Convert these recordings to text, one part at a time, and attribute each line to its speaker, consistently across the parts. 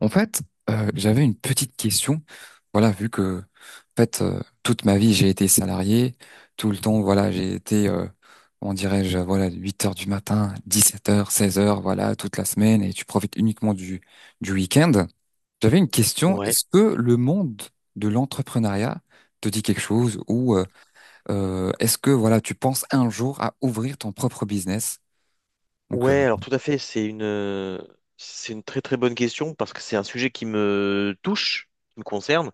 Speaker 1: En fait, j'avais une petite question. Voilà, vu que, en fait, toute ma vie, j'ai été salarié. Tout le temps, voilà, j'ai été, on dirait-je, voilà, 8 heures du matin, 17 heures, 16 heures, voilà, toute la semaine, et tu profites uniquement du week-end. J'avais une question.
Speaker 2: Ouais.
Speaker 1: Est-ce que le monde de l'entrepreneuriat te dit quelque chose ou est-ce que, voilà, tu penses un jour à ouvrir ton propre business? Donc,
Speaker 2: Ouais, alors tout à fait, c'est c'est une très très bonne question parce que c'est un sujet qui me touche, qui me concerne.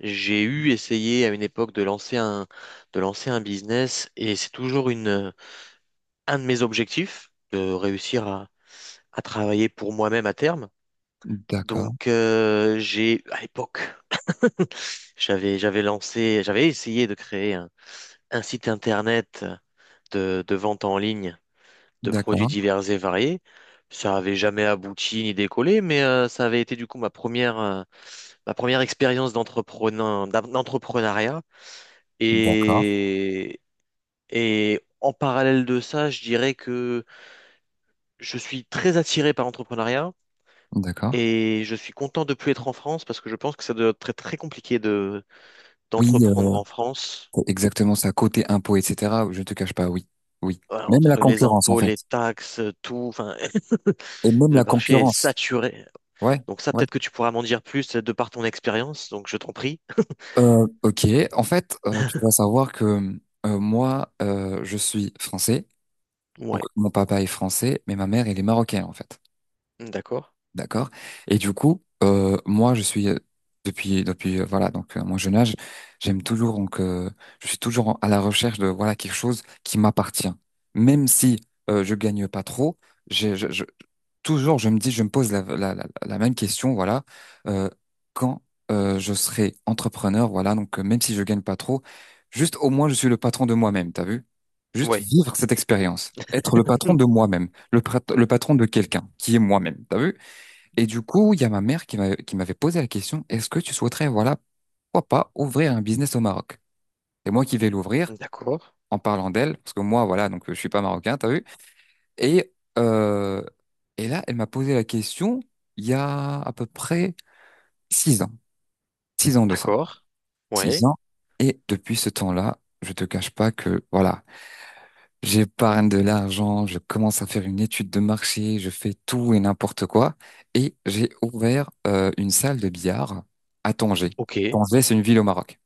Speaker 2: J'ai eu essayé à une époque de lancer de lancer un business et c'est toujours un de mes objectifs de réussir à travailler pour moi-même à terme.
Speaker 1: d'accord,
Speaker 2: Donc j'ai, à l'époque, j'avais lancé, j'avais essayé de créer un site internet de vente en ligne de produits
Speaker 1: d'accord,
Speaker 2: divers et variés. Ça n'avait jamais abouti ni décollé, mais ça avait été du coup ma ma première expérience d'entrepreneur, d'entrepreneuriat.
Speaker 1: d'accord,
Speaker 2: Et, et en parallèle de ça, je dirais que je suis très attiré par l'entrepreneuriat
Speaker 1: d'accord.
Speaker 2: et je suis content de plus être en France parce que je pense que ça doit être très, très compliqué
Speaker 1: Oui,
Speaker 2: d'entreprendre en France.
Speaker 1: c'est exactement ça, côté impôt, etc. Je ne te cache pas, oui. Oui.
Speaker 2: Voilà.
Speaker 1: Même la
Speaker 2: Entre les
Speaker 1: concurrence, en
Speaker 2: impôts,
Speaker 1: fait.
Speaker 2: les taxes, tout, enfin,
Speaker 1: Et même
Speaker 2: le
Speaker 1: la
Speaker 2: marché est
Speaker 1: concurrence.
Speaker 2: saturé.
Speaker 1: Ouais,
Speaker 2: Donc ça,
Speaker 1: ouais.
Speaker 2: peut-être que tu pourras m'en dire plus de par ton expérience, donc je t'en prie.
Speaker 1: Ok. En fait, tu dois savoir que moi, je suis français. Donc,
Speaker 2: Ouais,
Speaker 1: mon papa est français, mais ma mère, elle est marocaine, en fait.
Speaker 2: d'accord.
Speaker 1: D'accord. Et du coup, moi, je suis depuis voilà donc mon jeune âge, j'aime toujours donc je suis toujours à la recherche de voilà quelque chose qui m'appartient, même si je gagne pas trop. j'ai- Je, je- toujours je me dis, je me pose la même question voilà euh, quand je serai entrepreneur voilà donc même si je gagne pas trop, juste au moins je suis le patron de moi-même. T'as vu? Juste
Speaker 2: Ouais.
Speaker 1: vivre cette expérience, être le patron de moi-même, le patron de quelqu'un qui est moi-même. T'as vu? Et du coup, il y a ma mère qui m'avait posé la question, est-ce que tu souhaiterais, voilà, pourquoi pas ouvrir un business au Maroc? C'est moi qui vais l'ouvrir
Speaker 2: D'accord.
Speaker 1: en parlant d'elle, parce que moi, voilà, donc je suis pas marocain, t'as vu? Et, euh, et là, elle m'a posé la question il y a à peu près 6 ans, 6 ans de ça,
Speaker 2: D'accord.
Speaker 1: six
Speaker 2: Ouais.
Speaker 1: ans. Et depuis ce temps-là, je te cache pas que, voilà, j'épargne de l'argent, je commence à faire une étude de marché, je fais tout et n'importe quoi. Et j'ai ouvert une salle de billard à Tanger.
Speaker 2: Ok.
Speaker 1: Tanger, c'est une ville au Maroc.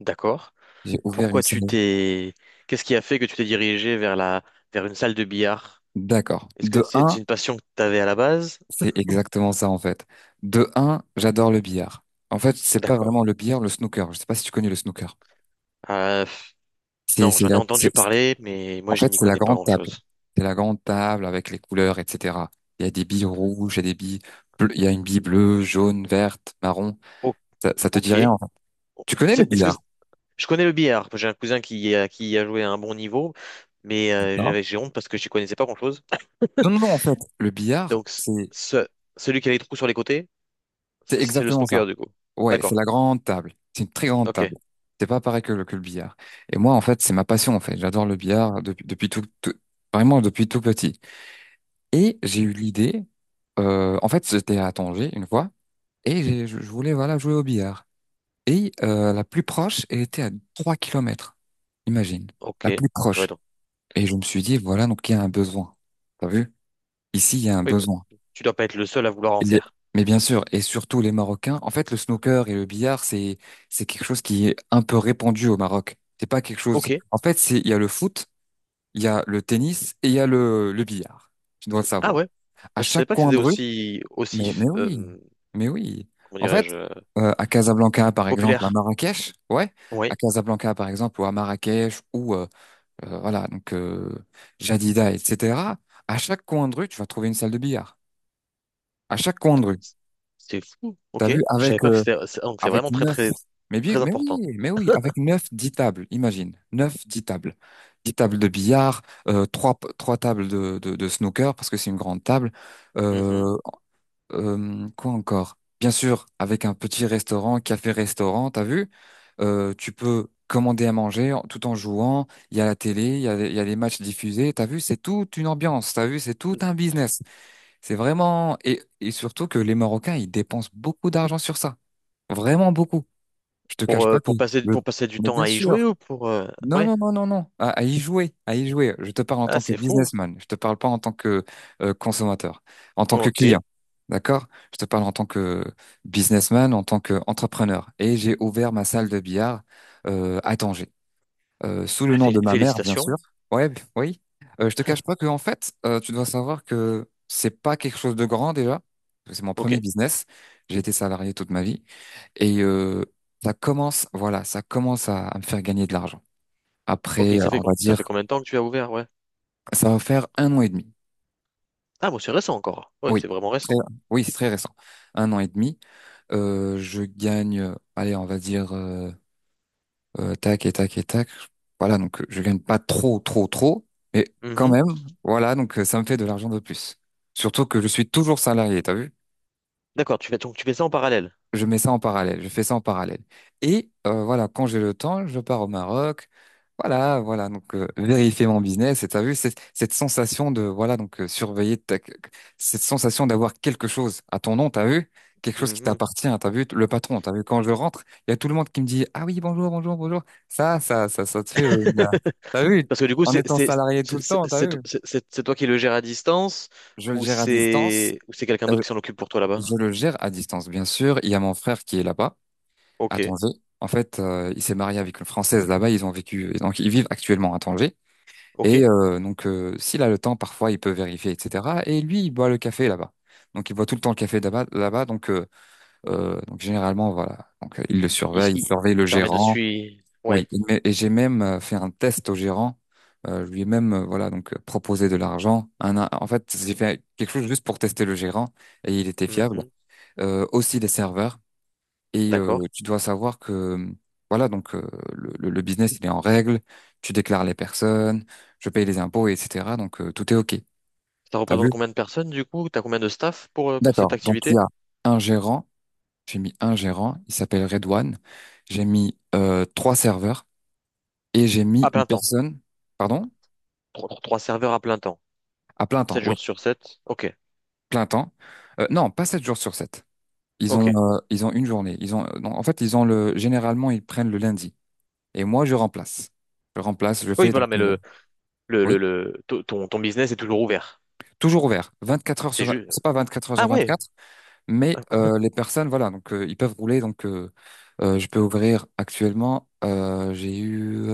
Speaker 2: D'accord.
Speaker 1: J'ai ouvert une
Speaker 2: Pourquoi tu
Speaker 1: salle.
Speaker 2: t'es... Qu'est-ce qui a fait que tu t'es dirigé vers la... vers une salle de billard?
Speaker 1: D'accord.
Speaker 2: Est-ce
Speaker 1: De
Speaker 2: que c'est
Speaker 1: un,
Speaker 2: une passion que tu avais à la base?
Speaker 1: c'est exactement ça en fait. De un, j'adore le billard. En fait, c'est pas
Speaker 2: D'accord.
Speaker 1: vraiment le billard, le snooker. Je sais pas si tu connais le snooker.
Speaker 2: Euh, pff,
Speaker 1: C'est,
Speaker 2: non,
Speaker 1: c'est
Speaker 2: j'en ai
Speaker 1: la, c'est-
Speaker 2: entendu parler, mais
Speaker 1: en
Speaker 2: moi, je
Speaker 1: fait,
Speaker 2: n'y
Speaker 1: c'est la
Speaker 2: connais pas
Speaker 1: grande table.
Speaker 2: grand-chose.
Speaker 1: C'est la grande table avec les couleurs, etc. Il y a des billes rouges, il y a des billes bleues, il y a une bille bleue, jaune, verte, marron.
Speaker 2: O-
Speaker 1: Ça te dit rien,
Speaker 2: ok.
Speaker 1: en fait. Tu connais le
Speaker 2: Est-ce que...
Speaker 1: billard,
Speaker 2: Je connais le billard. J'ai un cousin qui y a joué à un bon niveau, mais
Speaker 1: non?
Speaker 2: j'ai honte parce que je n'y connaissais pas grand-chose.
Speaker 1: Non, non, non, en fait, le billard,
Speaker 2: Donc,
Speaker 1: c'est
Speaker 2: ce, celui qui a les trous sur les côtés,
Speaker 1: c'est
Speaker 2: c'est le
Speaker 1: exactement ça.
Speaker 2: snooker, du coup.
Speaker 1: Ouais, c'est
Speaker 2: D'accord.
Speaker 1: la grande table. C'est une très grande
Speaker 2: Ok.
Speaker 1: table. C'est pas pareil que que le billard. Et moi, en fait, c'est ma passion, en fait. J'adore le billard depuis vraiment depuis tout petit. Et j'ai eu l'idée, en fait, j'étais à Tanger une fois, et je voulais, voilà, jouer au billard. Et la plus proche, elle était à 3 kilomètres. Imagine,
Speaker 2: Ok.
Speaker 1: la plus
Speaker 2: Ouais,
Speaker 1: proche.
Speaker 2: donc.
Speaker 1: Et je me suis dit, voilà, donc il y a un besoin. T'as vu? Ici, il y a un
Speaker 2: Oui, bah,
Speaker 1: besoin.
Speaker 2: tu dois pas être le seul à vouloir en
Speaker 1: Les-
Speaker 2: faire.
Speaker 1: Mais bien sûr, et surtout les Marocains. En fait, le snooker et le billard, c'est quelque chose qui est un peu répandu au Maroc. C'est pas quelque chose.
Speaker 2: Ok.
Speaker 1: En fait, c'est il y a le foot, il y a le tennis et il y a le billard. Tu dois le
Speaker 2: Ah
Speaker 1: savoir.
Speaker 2: ouais.
Speaker 1: À
Speaker 2: Ah, je
Speaker 1: chaque
Speaker 2: savais pas que
Speaker 1: coin
Speaker 2: c'était
Speaker 1: de rue. Mais
Speaker 2: aussi,
Speaker 1: mais oui,
Speaker 2: euh,
Speaker 1: mais oui.
Speaker 2: comment
Speaker 1: En fait,
Speaker 2: dirais-je,
Speaker 1: à Casablanca par exemple, à
Speaker 2: populaire.
Speaker 1: Marrakech, ouais, à
Speaker 2: Oui.
Speaker 1: Casablanca par exemple ou à Marrakech ou voilà donc Jadida, etc. À chaque coin de rue, tu vas trouver une salle de billard. À chaque coin de rue.
Speaker 2: C'est fou. Ok.
Speaker 1: T'as vu
Speaker 2: Je savais
Speaker 1: avec
Speaker 2: pas que
Speaker 1: euh,
Speaker 2: c'était, donc c'est
Speaker 1: Avec
Speaker 2: vraiment très,
Speaker 1: neuf.
Speaker 2: très,
Speaker 1: Mais oui,
Speaker 2: très
Speaker 1: mais
Speaker 2: important.
Speaker 1: oui, mais oui, avec neuf, dix tables, imagine. Neuf, dix tables. Dix tables de billard, trois tables de snooker, parce que c'est une grande table.
Speaker 2: Mhm.
Speaker 1: Euh, quoi encore? Bien sûr, avec un petit restaurant, café-restaurant, t'as vu? Tu peux commander à manger tout en jouant. Il y a la télé, il y a les matchs diffusés. T'as vu, c'est toute une ambiance. T'as vu, c'est tout un business. C'est vraiment. Et surtout que les Marocains, ils dépensent beaucoup d'argent sur ça. Vraiment beaucoup. Je te cache pas que
Speaker 2: Pour
Speaker 1: le.
Speaker 2: pour passer du
Speaker 1: Mais
Speaker 2: temps
Speaker 1: bien
Speaker 2: à y jouer
Speaker 1: sûr.
Speaker 2: ou pour,
Speaker 1: Non,
Speaker 2: ouais.
Speaker 1: non, non, non, non. À y jouer, à y jouer. Je te parle en
Speaker 2: Ah,
Speaker 1: tant que
Speaker 2: c'est fou.
Speaker 1: businessman. Je te parle pas en tant que consommateur, en tant que client.
Speaker 2: Ok.
Speaker 1: D'accord? Je te parle en tant que businessman, en tant qu'entrepreneur. Et j'ai ouvert ma salle de billard à Tanger sous le
Speaker 2: Bah,
Speaker 1: nom de ma mère, bien sûr.
Speaker 2: félicitations.
Speaker 1: Ouais, oui. Je te cache pas que en fait, tu dois savoir que c'est pas quelque chose de grand déjà. Parce que c'est mon
Speaker 2: Ok.
Speaker 1: premier business. J'ai été salarié toute ma vie et ça commence, voilà, ça commence à me faire gagner de l'argent.
Speaker 2: Ok.
Speaker 1: Après,
Speaker 2: Ça fait,
Speaker 1: on va
Speaker 2: ça fait
Speaker 1: dire,
Speaker 2: combien de temps que tu as ouvert? Ouais.
Speaker 1: ça va faire un an et demi.
Speaker 2: Ah, bon, c'est récent encore. Oui,
Speaker 1: Oui,
Speaker 2: c'est vraiment
Speaker 1: très,
Speaker 2: récent.
Speaker 1: oui, c'est très récent. Un an et demi. Je gagne, allez, on va dire tac et tac et tac. Voilà, donc je gagne pas trop, trop, trop, mais quand
Speaker 2: Mhm.
Speaker 1: même, voilà, donc ça me fait de l'argent de plus. Surtout que je suis toujours salarié, t'as vu?
Speaker 2: D'accord, donc tu fais ça en parallèle.
Speaker 1: Je mets ça en parallèle, je fais ça en parallèle. Et voilà, quand j'ai le temps, je pars au Maroc. Voilà, voilà, donc vérifier mon business. Et t'as vu cette sensation de voilà, donc cette sensation d'avoir quelque chose à ton nom, t'as vu? Quelque chose qui
Speaker 2: Mhm.
Speaker 1: t'appartient, t'as vu le patron, t'as vu quand je rentre, il y a tout le monde qui me dit ah oui bonjour bonjour bonjour. Ça te fait t'as vu
Speaker 2: Parce que du coup,
Speaker 1: en étant salarié tout le temps, t'as
Speaker 2: c'est to-
Speaker 1: vu?
Speaker 2: c'est- c'est toi qui le gères à distance
Speaker 1: Je le gère à distance.
Speaker 2: ou c'est quelqu'un
Speaker 1: euh,
Speaker 2: d'autre qui s'en occupe pour toi
Speaker 1: je
Speaker 2: là-bas?
Speaker 1: le gère à distance, bien sûr. Il y a mon frère qui est là-bas.
Speaker 2: Ok,
Speaker 1: À Tanger. En fait, il s'est marié avec une Française là-bas. Ils ont vécu, et donc ils vivent actuellement à Tanger.
Speaker 2: ok.
Speaker 1: Et donc, s'il a le temps, parfois, il peut vérifier, etc. Et lui, il boit le café là-bas. Donc, il boit tout le temps le café là-bas. Là-bas, donc généralement, voilà. Donc, il le surveille, il
Speaker 2: Il
Speaker 1: surveille le
Speaker 2: permet de
Speaker 1: gérant.
Speaker 2: suivre.
Speaker 1: Oui.
Speaker 2: Ouais.
Speaker 1: Et j'ai même fait un test au gérant. Je lui ai même, voilà, donc proposé de l'argent. En fait, j'ai fait quelque chose juste pour tester le gérant et il était fiable.
Speaker 2: Mhm.
Speaker 1: Aussi les serveurs. Et
Speaker 2: D'accord.
Speaker 1: tu dois savoir que, voilà, donc le business, il est en règle, tu déclares les personnes, je paye les impôts, etc. Donc tout est OK.
Speaker 2: Ça
Speaker 1: T'as
Speaker 2: représente
Speaker 1: vu?
Speaker 2: combien de personnes du coup? T'as combien de staff pour cette
Speaker 1: D'accord. Donc il y
Speaker 2: activité?
Speaker 1: a un gérant, j'ai mis un gérant, il s'appelle Redouane, j'ai mis trois serveurs et j'ai mis
Speaker 2: À
Speaker 1: une
Speaker 2: plein temps.
Speaker 1: personne, pardon,
Speaker 2: Trois serveurs à plein temps.
Speaker 1: à plein temps,
Speaker 2: Sept
Speaker 1: oui,
Speaker 2: jours sur sept. Ok,
Speaker 1: plein temps. Non, pas sept jours sur sept. Ils
Speaker 2: ok.
Speaker 1: ont, ils ont une journée. Ils ont, non, en fait, ils ont généralement, ils prennent le lundi. Et moi, je remplace. Je remplace, je
Speaker 2: Oui,
Speaker 1: fais donc.
Speaker 2: voilà, mais ton business est toujours ouvert.
Speaker 1: Toujours ouvert, 24 heures
Speaker 2: C'est
Speaker 1: sur 20,
Speaker 2: juste.
Speaker 1: c'est pas 24 heures sur
Speaker 2: Ah ouais.
Speaker 1: 24, mais les personnes, voilà, donc ils peuvent rouler, donc je peux ouvrir actuellement, j'ai eu,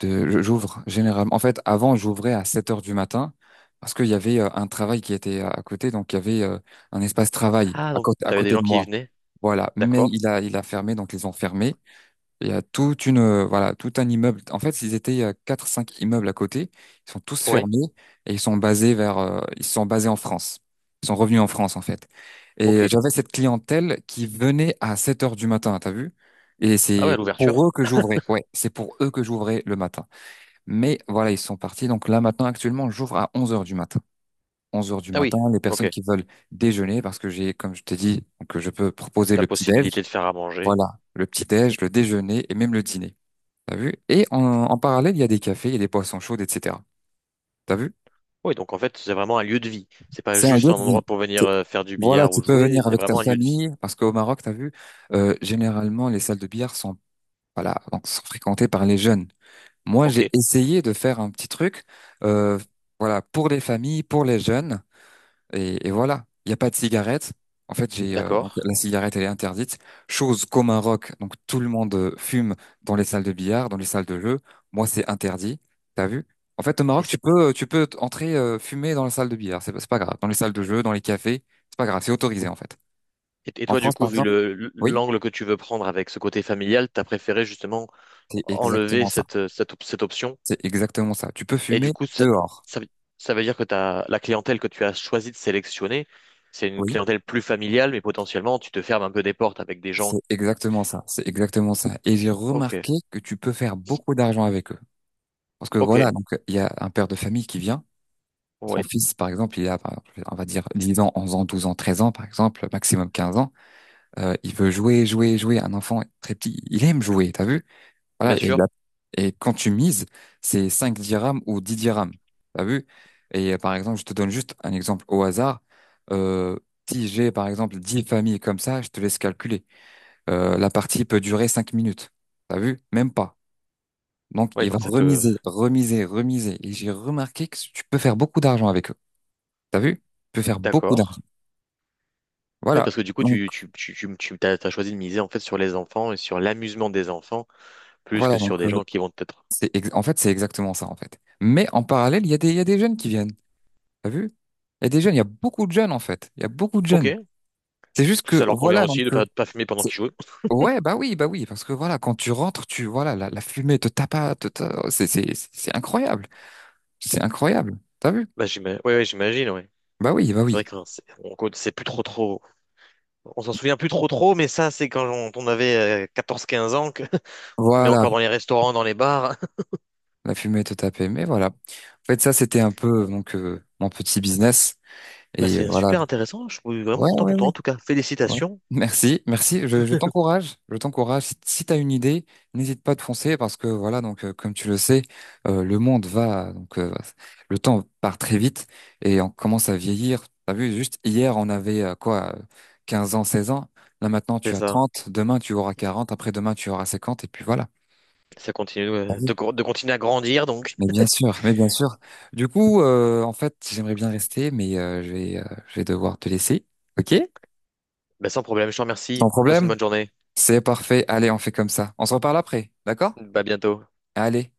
Speaker 1: j'ouvre généralement, en fait avant j'ouvrais à 7 heures du matin, parce qu'il y avait un travail qui était à côté, donc il y avait un espace travail
Speaker 2: Ah, donc
Speaker 1: à
Speaker 2: t'avais des
Speaker 1: côté
Speaker 2: gens
Speaker 1: de
Speaker 2: qui y
Speaker 1: moi,
Speaker 2: venaient,
Speaker 1: voilà, mais
Speaker 2: d'accord.
Speaker 1: il a fermé, donc ils ont fermé, il y a tout un immeuble. En fait, ils étaient, il y a 4-5 immeubles à côté. Ils sont tous
Speaker 2: Oui,
Speaker 1: fermés et ils sont basés en France. Ils sont revenus en France, en fait. Et
Speaker 2: ok.
Speaker 1: j'avais cette clientèle qui venait à 7 heures du matin, t'as vu? Et
Speaker 2: Ah
Speaker 1: c'est
Speaker 2: ouais,
Speaker 1: pour
Speaker 2: l'ouverture.
Speaker 1: eux que j'ouvrais. Ouais, c'est pour eux que j'ouvrais le matin. Mais voilà, ils sont partis. Donc là, maintenant, actuellement, j'ouvre à 11 heures du matin. Onze heures du
Speaker 2: Ah
Speaker 1: matin,
Speaker 2: oui,
Speaker 1: les
Speaker 2: ok.
Speaker 1: personnes qui veulent déjeuner, parce que j'ai, comme je t'ai dit, que je peux proposer
Speaker 2: La
Speaker 1: le petit-déj.
Speaker 2: possibilité de faire à manger.
Speaker 1: Voilà, le petit-déj, le déjeuner et même le dîner. T'as vu? Et en parallèle, il y a des cafés, il y a des poissons chauds, etc. T'as vu?
Speaker 2: Oui, donc en fait, c'est vraiment un lieu de vie. C'est pas
Speaker 1: C'est un
Speaker 2: juste
Speaker 1: lieu
Speaker 2: un
Speaker 1: de vie.
Speaker 2: endroit pour venir
Speaker 1: C'est-
Speaker 2: faire du
Speaker 1: Voilà,
Speaker 2: billard
Speaker 1: tu
Speaker 2: ou
Speaker 1: peux
Speaker 2: jouer,
Speaker 1: venir
Speaker 2: c'est
Speaker 1: avec ta
Speaker 2: vraiment un lieu de vie.
Speaker 1: famille, parce qu'au Maroc, t'as vu, généralement, les salles de billard sont, voilà, donc, sont fréquentées par les jeunes. Moi,
Speaker 2: Ok,
Speaker 1: j'ai essayé de faire un petit truc, euh, voilà, pour les familles, pour les jeunes. Et voilà, il n'y a pas de cigarette. En fait, j'ai donc
Speaker 2: d'accord.
Speaker 1: la cigarette, elle est interdite. Chose comme un rock. Donc tout le monde fume dans les salles de billard, dans les salles de jeu. Moi, c'est interdit. T'as vu? En fait, au
Speaker 2: Et
Speaker 1: Maroc, tu
Speaker 2: c'est
Speaker 1: peux, tu peux entrer fumer dans la salle de billard. C'est pas grave. Dans les salles de jeu, dans les cafés, c'est pas grave. C'est autorisé en fait.
Speaker 2: Et
Speaker 1: En
Speaker 2: toi, du
Speaker 1: France,
Speaker 2: coup,
Speaker 1: par
Speaker 2: vu
Speaker 1: exemple,
Speaker 2: le
Speaker 1: oui,
Speaker 2: l'angle que tu veux prendre avec ce côté familial, t'as préféré justement
Speaker 1: c'est
Speaker 2: enlever
Speaker 1: exactement ça.
Speaker 2: cette, cette option.
Speaker 1: C'est exactement ça. Tu peux
Speaker 2: Et du
Speaker 1: fumer
Speaker 2: coup,
Speaker 1: dehors.
Speaker 2: ça, veut ça veut dire que t'as, la clientèle que tu as choisi de sélectionner, c'est une
Speaker 1: Oui,
Speaker 2: clientèle plus familiale, mais potentiellement, tu te fermes un peu des portes avec des
Speaker 1: c'est
Speaker 2: gens.
Speaker 1: exactement ça. C'est exactement ça. Et j'ai
Speaker 2: Ok,
Speaker 1: remarqué que tu peux faire beaucoup d'argent avec eux. Parce que
Speaker 2: ok,
Speaker 1: voilà, donc il y a un père de famille qui vient, son
Speaker 2: oui,
Speaker 1: fils par exemple, il a, par exemple, on va dire 10 ans, 11 ans, 12 ans, 13 ans par exemple, maximum 15 ans, il veut jouer, jouer, jouer, un enfant très petit, il aime jouer, t'as vu?
Speaker 2: bien
Speaker 1: Voilà,
Speaker 2: sûr.
Speaker 1: et quand tu mises, c'est 5 dirhams ou 10 dirhams, t'as vu? Et par exemple, je te donne juste un exemple au hasard. Euh, Si j'ai par exemple 10 familles comme ça, je te laisse calculer. La partie peut durer 5 minutes, t'as vu? Même pas. Donc,
Speaker 2: Oui,
Speaker 1: il va
Speaker 2: donc ça peut.
Speaker 1: remiser, remiser, remiser. Et j'ai remarqué que tu peux faire beaucoup d'argent avec eux. T'as vu? Tu peux faire beaucoup
Speaker 2: D'accord.
Speaker 1: d'argent.
Speaker 2: Oui,
Speaker 1: Voilà.
Speaker 2: parce que du coup,
Speaker 1: Donc,
Speaker 2: t'as choisi de miser en fait sur les enfants et sur l'amusement des enfants plus
Speaker 1: voilà.
Speaker 2: que
Speaker 1: Donc,
Speaker 2: sur des gens qui vont peut-être.
Speaker 1: en fait, c'est exactement ça, en fait. Mais en parallèle, il y a des jeunes qui viennent. T'as vu? Il y a des jeunes, il y a beaucoup de jeunes, en fait. Il y a beaucoup de
Speaker 2: Ok,
Speaker 1: jeunes. C'est juste
Speaker 2: parce que
Speaker 1: que,
Speaker 2: ça leur convient
Speaker 1: voilà, donc,
Speaker 2: aussi de pas fumer pendant
Speaker 1: c'est-
Speaker 2: qu'ils jouent.
Speaker 1: ouais, bah oui, parce que voilà, quand tu rentres, tu, voilà, la fumée te tape, c'est incroyable. C'est incroyable. T'as vu?
Speaker 2: Bah, j'imagine, ouais, ouais, j'imagine, ouais.
Speaker 1: Bah oui, bah
Speaker 2: C'est vrai
Speaker 1: oui.
Speaker 2: que hein, on c'est plus trop trop. On s'en souvient plus trop trop, mais ça, c'est quand on avait 14, 15 ans que tu mets
Speaker 1: Voilà.
Speaker 2: encore dans les restaurants, dans les bars.
Speaker 1: La fumée te tapait. Mais voilà. En fait, ça, c'était un peu donc mon petit business.
Speaker 2: Bah,
Speaker 1: Et
Speaker 2: c'est
Speaker 1: voilà.
Speaker 2: super intéressant. Je suis vraiment
Speaker 1: Ouais,
Speaker 2: content
Speaker 1: ouais,
Speaker 2: pour
Speaker 1: ouais.
Speaker 2: toi en tout cas.
Speaker 1: Ouais.
Speaker 2: Félicitations.
Speaker 1: Merci, merci. Je t'encourage. Je t'encourage. Si, si tu as une idée, n'hésite pas de foncer parce que voilà, donc comme tu le sais, le monde va, donc le temps part très vite et on commence à vieillir. T'as vu, juste hier, on avait quoi, 15 ans, 16 ans. Là maintenant, tu
Speaker 2: C'est
Speaker 1: as
Speaker 2: ça.
Speaker 1: 30. Demain tu auras 40. Après-demain tu auras 50. Et puis voilà.
Speaker 2: Ça continue de continuer à grandir. Donc
Speaker 1: Mais bien sûr, mais bien sûr. Du coup, en fait, j'aimerais bien rester, mais je vais devoir te laisser. OK?
Speaker 2: bah, sans problème, je te remercie.
Speaker 1: Sans
Speaker 2: Passe une
Speaker 1: problème?
Speaker 2: bonne journée.
Speaker 1: C'est parfait. Allez, on fait comme ça. On se reparle après, d'accord?
Speaker 2: Bah, à bientôt.
Speaker 1: Allez.